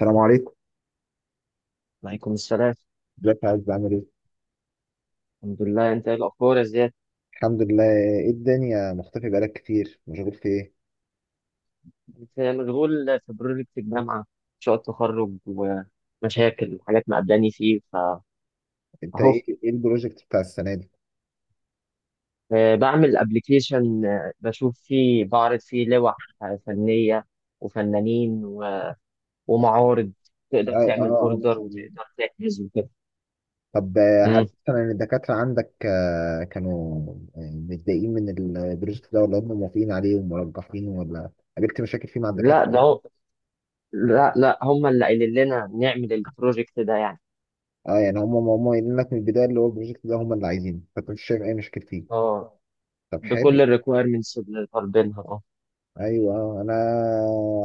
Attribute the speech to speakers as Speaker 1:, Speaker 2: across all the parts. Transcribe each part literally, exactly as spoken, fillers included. Speaker 1: السلام عليكم.
Speaker 2: وعليكم السلام.
Speaker 1: ازيك يا عز، عامل ايه؟
Speaker 2: الحمد لله. انت ايه الاخبار يا زياد؟
Speaker 1: الحمد لله. ايه الدنيا، مختفي بقالك كتير، مشغول في ايه؟
Speaker 2: انت مشغول في بروجكت الجامعه، مشروع التخرج ومشاكل وحاجات مقابلاني فيه فاهو.
Speaker 1: انت ايه، ايه البروجكت بتاع السنة دي؟
Speaker 2: آه، بعمل ابلكيشن. بشوف فيه، بعرض فيه لوح آه، فنيه وفنانين و- ومعارض. تقدر
Speaker 1: اه
Speaker 2: تعمل
Speaker 1: اه اه، ما
Speaker 2: اوردر
Speaker 1: شاء الله.
Speaker 2: وتقدر تحجز وكده.
Speaker 1: طب آه، هل
Speaker 2: مم.
Speaker 1: مثلا الدكاترة عندك آه، كانوا آه، متضايقين من البروجكت ده، ولا هم موافقين عليه ومرجحينه، ولا قابلت مشاكل فيه مع
Speaker 2: لا ده
Speaker 1: الدكاترة؟
Speaker 2: هو لا لا، هم اللي قايلين لنا نعمل البروجكت ده يعني.
Speaker 1: اه، يعني هم هم هم قايلين لك من البداية اللي هو البروجكت ده هم اللي عايزينه، فانت مش شايف اي مشاكل فيه.
Speaker 2: اه،
Speaker 1: طب
Speaker 2: بكل
Speaker 1: حلو.
Speaker 2: الريكويرمنتس اللي طالبينها، اه.
Speaker 1: ايوه. آه، انا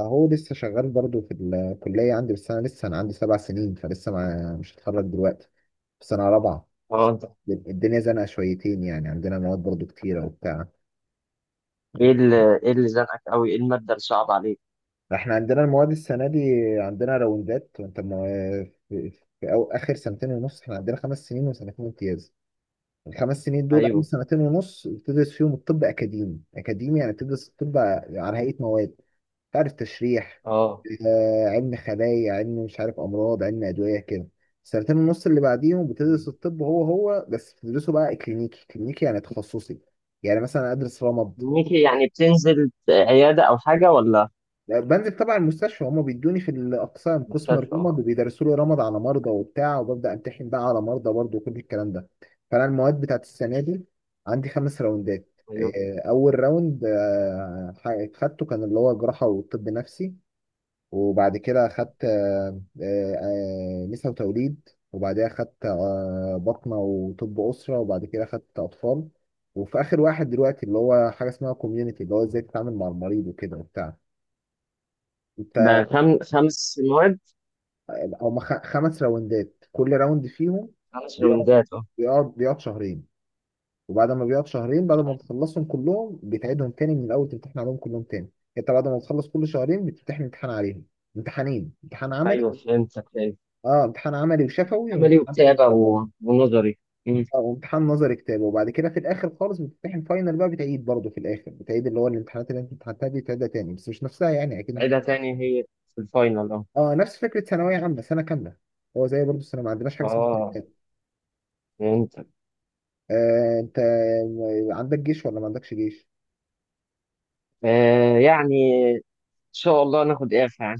Speaker 1: هو لسه شغال برضو في الكليه عندي، بس انا لسه انا عندي سبع سنين، فلسه ما مش هتخرج دلوقتي، في سنه رابعه.
Speaker 2: اه،
Speaker 1: الدنيا زنقه شويتين يعني، عندنا مواد برضو كتيره وبتاع.
Speaker 2: ايه اللي ايه اللي زنقك قوي؟ ايه المادة اللي صعبة عليك؟
Speaker 1: احنا عندنا المواد السنه دي عندنا راوندات، وانت ما في, في أو اخر سنتين ونص احنا عندنا خمس سنين وسنتين امتياز. الخمس سنين دول اول
Speaker 2: ايوه،
Speaker 1: سنتين ونص بتدرس فيهم الطب اكاديمي، اكاديمي يعني بتدرس الطب على هيئه مواد. تعرف تشريح،
Speaker 2: اه،
Speaker 1: آه، علم خلايا، علم مش عارف امراض، علم ادويه كده. السنتين ونص اللي بعديهم بتدرس
Speaker 2: أيوة.
Speaker 1: الطب هو هو بس بتدرسه بقى كلينيكي، كلينيكي يعني تخصصي. يعني مثلا ادرس رمد،
Speaker 2: ميكي، يعني بتنزل عيادة او حاجة ولا
Speaker 1: بنزل طبعا المستشفى، هما بيدوني في الاقسام، قسم
Speaker 2: مستشفى؟ اه.
Speaker 1: الرمد وبيدرسوا لي رمد على مرضى وبتاع، وببدا امتحن بقى على مرضى برضه وكل الكلام ده. فانا المواد بتاعت السنه دي عندي خمس راوندات.
Speaker 2: ايوه.
Speaker 1: آه، اول راوند آه، خدته كان اللي هو جراحه وطب نفسي، وبعد كده أخدت آه، آه، آه، نساء وتوليد، وبعدها أخدت آه، بطنة وطب أسرة، وبعد كده أخدت أطفال، وفي آخر واحد دلوقتي اللي هو حاجة اسمها كوميونيتي، اللي هو إزاي تتعامل مع المريض وكده وبتاع. أنت
Speaker 2: ده خم... خمس مواد،
Speaker 1: هما خ- خمس راوندات، كل راوند فيهم
Speaker 2: خمس
Speaker 1: بيقعد
Speaker 2: روندات، اه.
Speaker 1: بيقعد بيقعد شهرين. وبعد ما بيقعد شهرين، بعد ما بتخلصهم كلهم بتعيدهم تاني من الأول، تمتحن عليهم كلهم تاني. أنت بعد ما بتخلص كل شهرين بتمتحن امتحان عليهم، امتحانين، امتحان عملي.
Speaker 2: ايوه، فهمتك، فهمت.
Speaker 1: اه، امتحان عملي وشفوي،
Speaker 2: عملي،
Speaker 1: وامتحان،
Speaker 2: وبتابع و... ونظري. مم.
Speaker 1: اه، امتحان نظري كتاب. وبعد كده في الاخر خالص بتمتحن فاينل بقى، بتعيد برضه في الاخر بتعيد اللي هو الامتحانات اللي انت امتحنتها دي، بتعيدها تاني بس مش نفسها يعني، اكيد. انت
Speaker 2: عيدها تاني هي، في الفاينل، اه.
Speaker 1: اه نفس فكره ثانويه عامه سنه كامله، هو زي برضه السنه، ما عندناش حاجه اسمها
Speaker 2: اه،
Speaker 1: ترتيب.
Speaker 2: فهمتك.
Speaker 1: آه انت عندك جيش ولا ما عندكش جيش؟
Speaker 2: آه يعني ان شاء الله ناخد اعفاء.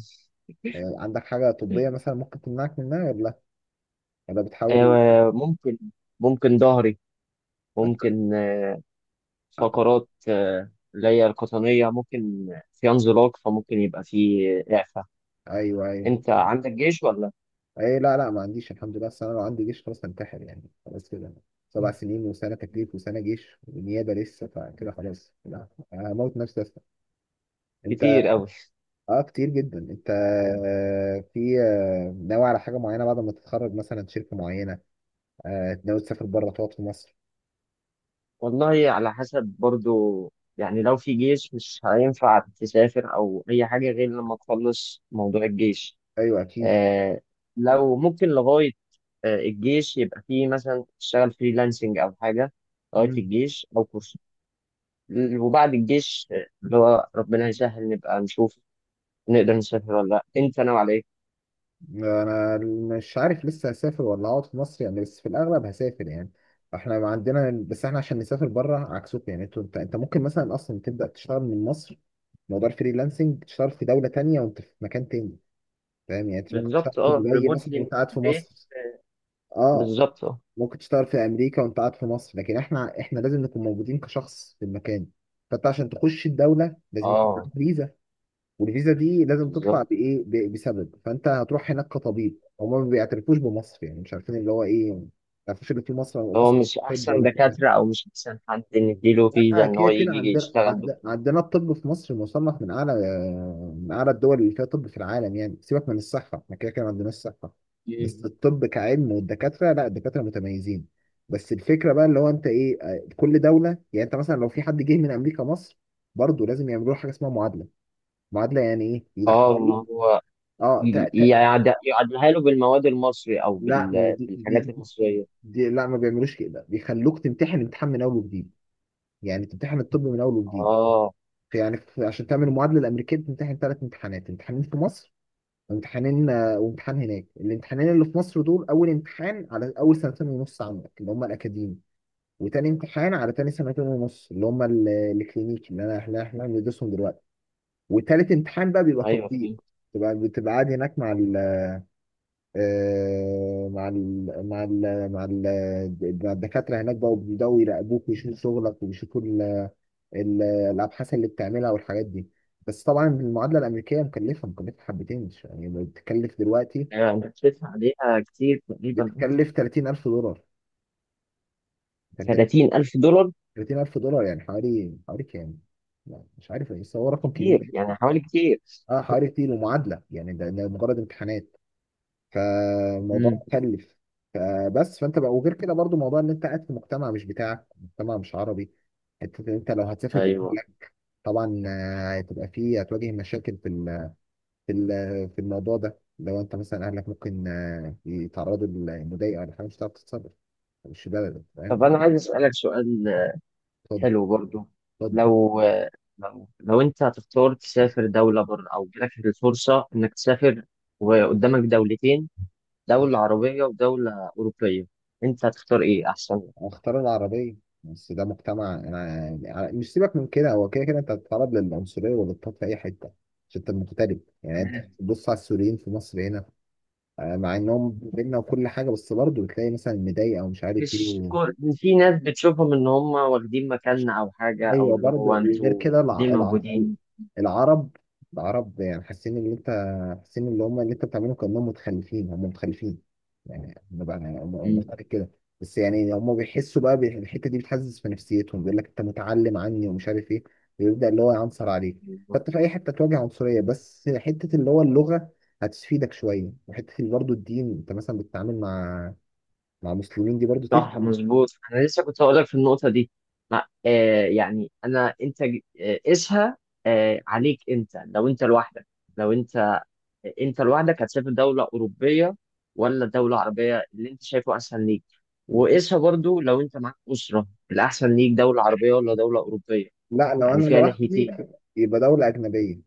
Speaker 1: آه عندك حاجه طبيه
Speaker 2: يعني،
Speaker 1: مثلا ممكن تمنعك منها ولا لا؟ ولا بتحاول؟
Speaker 2: آه ممكن. ممكن ظهري، ممكن فقرات آه، اللي هي القطنية. ممكن في انزلاق فممكن يبقى في إعفاء.
Speaker 1: ايوه، ايوه.
Speaker 2: أنت عندك جيش ولا؟
Speaker 1: اي، لا لا، ما عنديش الحمد لله، بس انا لو عندي جيش خلاص هنتحر يعني، خلاص كده سبع سنين وسنه تكليف وسنه جيش ونيابه لسه، فكده خلاص لا، هموت نفسي. انت
Speaker 2: كتير قوي.
Speaker 1: اه كتير جدا. انت آه، في آه، ناوي على حاجه معينه بعد ما تتخرج، مثلا شركه معينه؟ آه، ناوي تسافر بره، تقعد في مصر؟
Speaker 2: والله على حسب برضو، يعني لو في جيش مش هينفع تسافر او اي حاجه غير لما تخلص موضوع الجيش.
Speaker 1: ايوه اكيد.
Speaker 2: آه. لو ممكن لغايه آه الجيش، يبقى في مثلا تشتغل فريلانسنج او حاجه لغايه
Speaker 1: مم.
Speaker 2: الجيش، او كورس. وبعد الجيش آه، اللي هو ربنا يسهل نبقى نشوف نقدر نسافر ولا لا. انت ناوي على ايه؟
Speaker 1: انا مش عارف لسه، هسافر ولا هقعد في مصر يعني، بس في الاغلب هسافر يعني. احنا ما عندنا، بس احنا عشان نسافر بره عكسكم، يعني انتوا- انت، انت ممكن مثلا اصلا تبدا تشتغل من مصر. موضوع الفريلانسنج، تشتغل في دوله تانية وانت في مكان تاني. فاهم؟ يعني انت ممكن تشتغل
Speaker 2: بالظبط،
Speaker 1: في
Speaker 2: اه،
Speaker 1: دبي مثلا
Speaker 2: ريموتلي من
Speaker 1: وانت قاعد في
Speaker 2: البيت.
Speaker 1: مصر. اه،
Speaker 2: بالظبط، اه.
Speaker 1: ممكن تشتغل في امريكا وانت قاعد في مصر، لكن احنا احنا لازم نكون موجودين كشخص في المكان. فانت عشان تخش الدوله لازم يكون
Speaker 2: اه،
Speaker 1: معاك فيزا، والفيزا دي لازم تطلع
Speaker 2: بالظبط.
Speaker 1: بايه، ب- بسبب. فانت هتروح هناك كطبيب، هما ما بيعترفوش بمصر يعني، مش عارفين اللي هو ايه، ما يعرفوش اللي في مصر،
Speaker 2: هو
Speaker 1: ومصر،
Speaker 2: مش
Speaker 1: طب
Speaker 2: احسن
Speaker 1: ولا كده.
Speaker 2: دكاترة؟ او مش احسن حد نديله فيزا
Speaker 1: لا،
Speaker 2: ان
Speaker 1: كده
Speaker 2: هو
Speaker 1: كده
Speaker 2: يجي
Speaker 1: عندنا،
Speaker 2: يشتغل
Speaker 1: عند-
Speaker 2: دكتور.
Speaker 1: عندنا الطب في مصر مصنف من اعلى، من اعلى الدول اللي فيها طب في العالم يعني. سيبك من الصحه، احنا كده كده عندنا الصحه، بس
Speaker 2: مم.
Speaker 1: الطب كعلم والدكاتره، لا الدكاتره متميزين. بس الفكره بقى اللي هو انت ايه، آه، كل دوله، يعني انت مثلا لو في حد جه من امريكا مصر برضه لازم يعملوا له حاجه اسمها معادله. معادله يعني ايه،
Speaker 2: اه، ما
Speaker 1: يدخلوك
Speaker 2: هو
Speaker 1: اه تا
Speaker 2: ي-
Speaker 1: تا
Speaker 2: يعد- يعدلها له بالمواد المصري او
Speaker 1: لا،
Speaker 2: بال...
Speaker 1: دي
Speaker 2: بالحاجات
Speaker 1: دي
Speaker 2: المصرية.
Speaker 1: دي لا، ما بيعملوش كده، بيخلوك تمتحن امتحان من اول وجديد، يعني تمتحن الطب من اول وجديد.
Speaker 2: اه.
Speaker 1: في يعني في، عشان تعمل المعادله الامريكيه بتمتحن ثلاث امتحانات، امتحانين في مصر وامتحانين، آه، وامتحان هناك. الامتحانين اللي في مصر دول، اول امتحان على اول سنتين ونص عندك اللي هم الاكاديمي، وتاني امتحان على تاني سنتين ونص اللي هم ال- الكلينيكي اللي انا، اللي احنا بندرسهم دلوقتي. وتالت امتحان بقى بيبقى
Speaker 2: ايوه،
Speaker 1: تطبيق،
Speaker 2: فهمت.
Speaker 1: تبقى بتبقى قاعد هناك مع ال، آه، مع ال مع ال مع ال مع الدكاترة هناك بقى، وبيبدأوا يراقبوك ويشوفوا شغلك، ويشوفوا ال- ال- الأبحاث اللي بتعملها والحاجات دي. بس طبعا المعادلة الأمريكية مكلفة، مكلفة حبتين مش- يعني، بتكلف دلوقتي،
Speaker 2: يعني انت بتدفع عليها كتير تقريبا.
Speaker 1: بتكلف ثلاثين الف دولار.
Speaker 2: ثلاثين ألف دولار؟
Speaker 1: تلاتين الف دولار يعني حوالي، حوالي كام؟ لا، مش عارف، بس هو رقم كبير.
Speaker 2: كتير يعني، حوالي كتير.
Speaker 1: اه حوالي كتير. ومعادلة يعني ده, ده مجرد امتحانات، فالموضوع
Speaker 2: امم.
Speaker 1: مكلف. فبس فانت بقى، وغير كده برضو موضوع ان انت قاعد في مجتمع مش بتاعك، مجتمع مش عربي. انت انت لو هتسافر
Speaker 2: ايوه.
Speaker 1: بأهلك طبعا، آه، هتبقى فيه، هتواجه مشاكل في ال- في ال- في الموضوع ده. لو انت مثلا اهلك ممكن آه، يتعرضوا لمضايقه ولا حاجه، مش هتعرف تتصرف، مش بلدك، فاهم؟
Speaker 2: طب انا عايز اسالك سؤال،
Speaker 1: اتفضل،
Speaker 2: حلو برضو.
Speaker 1: اتفضل.
Speaker 2: لو لو لو انت هتختار تسافر دولة بره، او جالك الفرصة انك تسافر وقدامك دولتين، دولة عربية ودولة أوروبية، انت هتختار ايه احسن لك؟
Speaker 1: اختار العربية، بس ده مجتمع، انا يعني، مش سيبك من كده، هو كده كده انت هتتعرض للعنصرية والاضطهاد في اي حتة، عشان انت مغترب. يعني انت
Speaker 2: تمام.
Speaker 1: بص على السوريين في مصر هنا، آه، مع انهم بينا وكل حاجة، بس برضه بتلاقي مثلا مضايق او مش عارف
Speaker 2: مش
Speaker 1: ايه.
Speaker 2: كل، في ناس بتشوفهم ان هم واخدين مكاننا او حاجة، او
Speaker 1: ايوه،
Speaker 2: اللي
Speaker 1: برضه
Speaker 2: هو
Speaker 1: غير
Speaker 2: انتوا
Speaker 1: كده
Speaker 2: ليه
Speaker 1: الع... الع...
Speaker 2: موجودين.
Speaker 1: العرب، العرب يعني حاسين ان انت، حاسين اللي هم اللي انت بتعمله كانهم متخلفين، هم متخلفين يعني بقى مفتكر كده. بس يعني هم بيحسوا بقى بي- الحته دي بتحسس في نفسيتهم، بيقول لك انت متعلم عني، ومش عارف ايه، ويبدا اللي هو يعنصر عليك. فانت في اي حته تواجه عنصريه،
Speaker 2: مم.
Speaker 1: بس حته اللي هو اللغه هتفيدك شويه، وحته برضه الدين، انت مثلا بتتعامل مع، مع مسلمين، دي برضه تفرق.
Speaker 2: صح، مظبوط. انا لسه كنت هقول لك في النقطه دي. ما آه يعني، انا انت ج- آه، قيسها آه عليك. انت لو انت لوحدك، لو انت انت لوحدك، هتسافر دوله اوروبيه ولا دوله عربيه اللي انت شايفه احسن ليك؟ وقيسها برضو، لو انت معاك اسره، الاحسن ليك دوله عربيه ولا دوله اوروبيه؟
Speaker 1: لا لو
Speaker 2: يعني
Speaker 1: انا
Speaker 2: فيها
Speaker 1: لوحدي،
Speaker 2: ناحيتين.
Speaker 1: يبقى دولة أجنبية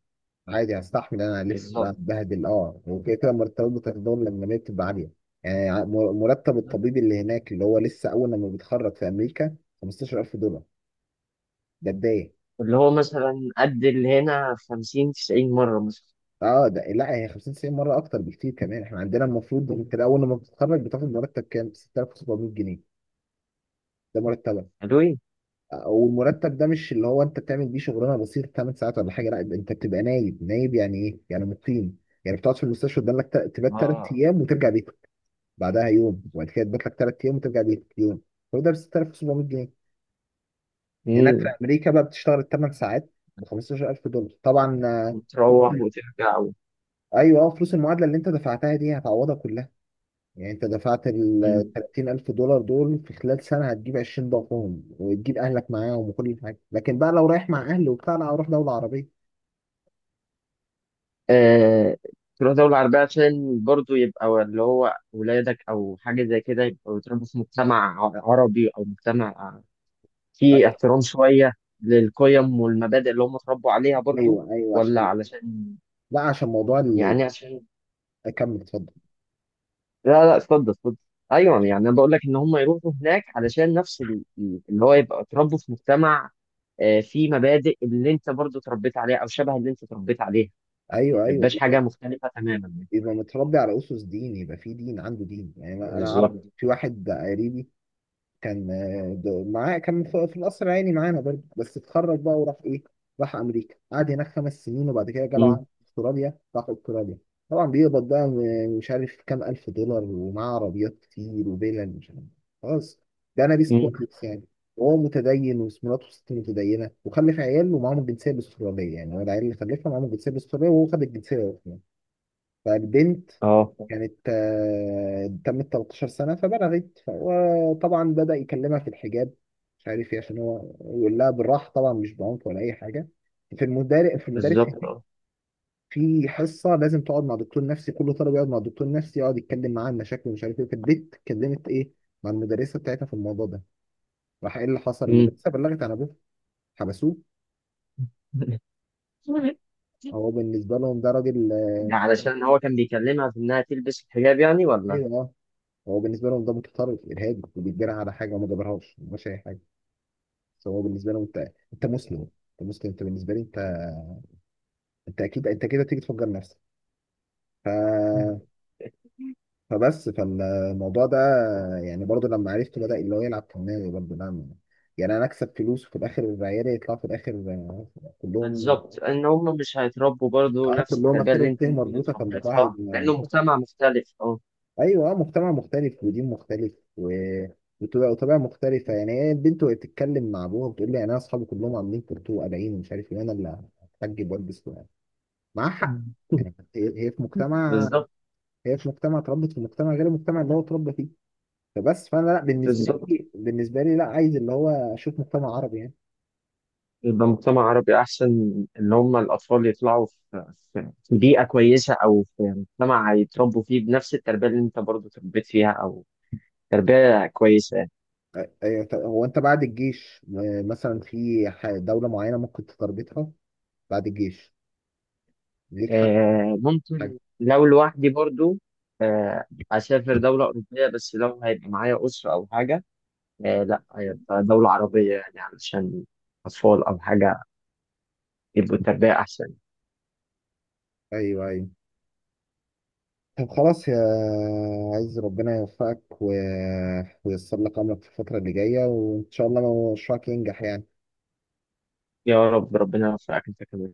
Speaker 1: عادي، هستحمل انا الف بقى
Speaker 2: بالظبط.
Speaker 1: اتبهدل اه، وكده كده مرتبات بتاعت الدول الاجنبيه بتبقى عاليه. يعني ع- مر- مرتب الطبيب اللي هناك اللي هو لسه اول لما بيتخرج في امريكا خمستاشر الف دولار، ده بدايه.
Speaker 2: اللي هو مثلا قد اللي هنا خمسين تسعين مره مثلا.
Speaker 1: اه ده، لا هي خمسين تسعين مره اكتر بكتير كمان. احنا عندنا المفروض انت اول لما بتتخرج بتاخد مرتب كام؟ ستة الاف وسبعمائة جنيه، ده مرتبك.
Speaker 2: حلوين.
Speaker 1: والمرتب ده مش اللي هو انت بتعمل بيه شغلانه بسيطه تمن ساعات ولا حاجه، لا، انت بتبقى نايب، نايب يعني ايه يعني، مقيم، يعني بتقعد في المستشفى. قدامك تبات تلات
Speaker 2: اه،
Speaker 1: ايام وترجع بيتك بعدها يوم، وبعد كده تبات لك تلات ايام وترجع بيتك يوم. كل ده ب ستة آلاف وسبعمية جنيه. هناك في
Speaker 2: امم.
Speaker 1: امريكا بقى بتشتغل ثمانية ساعات ب خمسة عشر الف دولار طبعا. آه،
Speaker 2: وتروح وترجع.
Speaker 1: ايوه اه، فلوس المعادله اللي انت دفعتها دي هتعوضها كلها. يعني انت دفعت ال
Speaker 2: مم.
Speaker 1: ثلاثين الف دولار دول في خلال سنه هتجيب عشرين ضعفهم، وتجيب اهلك معاهم وكل حاجه. لكن بقى لو رايح مع اهلي وبتاع، لا، اروح دوله عربيه.
Speaker 2: آه، تروح دولة عربية عشان برضو يبقى اللي هو ولادك أو حاجة زي كده يبقوا بيتربوا في مجتمع ع- عربي، أو مجتمع فيه احترام شوية للقيم والمبادئ اللي هم اتربوا عليها برضو.
Speaker 1: ايوه ايوه،
Speaker 2: ولا
Speaker 1: عشان،
Speaker 2: علشان،
Speaker 1: لا عشان موضوع اللي،
Speaker 2: يعني عشان،
Speaker 1: اكمل اتفضل.
Speaker 2: لا لا، اتفضل اتفضل. أيوه، يعني أنا بقول لك إن هم يروحوا هناك علشان نفس ال- ال- اللي هو يبقى اتربوا في مجتمع آه، فيه مبادئ اللي أنت برضو اتربيت عليها، أو شبه اللي أنت اتربيت عليها.
Speaker 1: ايوه
Speaker 2: ما
Speaker 1: ايوه،
Speaker 2: يبقاش حاجة مختلفة تماما يعني.
Speaker 1: يبقى متربي على اسس دين، يبقى في دين، عنده دين يعني. انا أنا اعرف
Speaker 2: بالظبط.
Speaker 1: في واحد قريبي، كان آه، د- معاه كان في، في القصر العيني معانا برضه، بس اتخرج بقى وراح ايه، راح امريكا، قعد هناك خمس سنين، وبعد كده جاله عقد في استراليا، راح استراليا. طبعا بيقبض بقى م- مش عارف كام الف دولار، ومعاه عربيات كتير وفيلل مش عارف، خلاص، ده نبيس
Speaker 2: مم.
Speaker 1: كويس يعني. وهو متدين، ومراته ست متدينه، وخلف عيال ومعاهم الجنسيه الاستراليه، يعني هو العيال اللي خلفها معاهم الجنسيه الاستراليه، وهو خد الجنسيه. فبنت
Speaker 2: اه،
Speaker 1: كانت آه، تمت 13 سنة فبلغت، وطبعا بدأ يكلمها في الحجاب، مش عارف ايه، عشان هو يقول لها بالراحة طبعا، مش بعنف ولا أي حاجة. في المدارس، في المدارس
Speaker 2: بالظبط، اه.
Speaker 1: في حصة لازم تقعد مع دكتور نفسي، كل طالب يقعد مع دكتور نفسي، يقعد يتكلم معاه عن مشاكله ومش عارف ايه. فالبنت اتكلمت ايه، مع المدرسة بتاعتها في الموضوع ده. راح ايه اللي حصل،
Speaker 2: مم.
Speaker 1: المدرسة بلغت عن ابوه، حبسوه. هو بالنسبة لهم ده راجل،
Speaker 2: ده علشان هو كان بيكلمها في انها تلبس الحجاب يعني، ولا؟
Speaker 1: ايوه اه، هو بالنسبة لهم ده متطرف إرهابي وبيتجرى على حاجة، وما جابرهاش، ما جابش أي حاجة. فهو بالنسبه له انت، انت مسلم، انت مسلم، انت بالنسبه لي انت، انت اكيد انت كده تيجي تفجر نفسك. ف... فبس فالموضوع ده يعني برضو لما عرفته بدأ اللي هو يلعب كمان برضو، نعم. يعني انا اكسب فلوس، وفي الاخر عيالي يطلعوا في الاخر، آه، كلهم
Speaker 2: بالظبط. ان هم مش هيتربوا برضو
Speaker 1: اه
Speaker 2: نفس
Speaker 1: كلهم
Speaker 2: التربيه
Speaker 1: اخر،
Speaker 2: اللي انت
Speaker 1: انتهي
Speaker 2: ممكن
Speaker 1: مربوطه، فالموضوع
Speaker 2: اتربيتها
Speaker 1: هيبقى،
Speaker 2: لانه مجتمع مختلف، اه.
Speaker 1: ايوه اه، مجتمع مختلف ودين مختلف، و... وطبيعة، وطبيعة مختلفة يعني. هي البنت وهي بتتكلم مع أبوها بتقول لي، يعني أنا أصحابي كلهم عاملين كورتو وقلعين ومش عارف إيه، أنا اللي هتحجب وألبس معاه. هي هي في مجتمع،
Speaker 2: بالظبط.
Speaker 1: هي في مجتمع، اتربت في مجتمع غير المجتمع اللي هو اتربى فيه. فبس فانا لا، بالنسبه
Speaker 2: بالظبط،
Speaker 1: لي، بالنسبه لي لا، عايز اللي هو اشوف مجتمع عربي يعني.
Speaker 2: يبقى مجتمع عربي احسن، ان هم الاطفال يطلعوا في في في بيئه كويسه، او في مجتمع هيتربوا فيه بنفس التربيه اللي انت برضو تربيت فيها، او تربيه كويسه.
Speaker 1: أيوة، طب هو انت بعد الجيش آه، مثلا في ح- دوله معينه ممكن تتربطها بعد الجيش ليك، حد،
Speaker 2: آه،
Speaker 1: حاجه؟
Speaker 2: ممكن لو لوحدي برضو، آه، أسافر دولة أوروبية. بس لو هيبقى معايا أسرة أو حاجة، آه، لأ، هيبقى دولة عربية يعني، علشان أطفال أو حاجة يبقوا التربية أحسن.
Speaker 1: ايوه، ايوه. طب خلاص يا، عايز ربنا يوفقك و، وييسر لك امرك في الفتره اللي جايه، وان شاء الله مشروعك ينجح يعني.
Speaker 2: يا رب. ربنا يوفقك أنت كمان.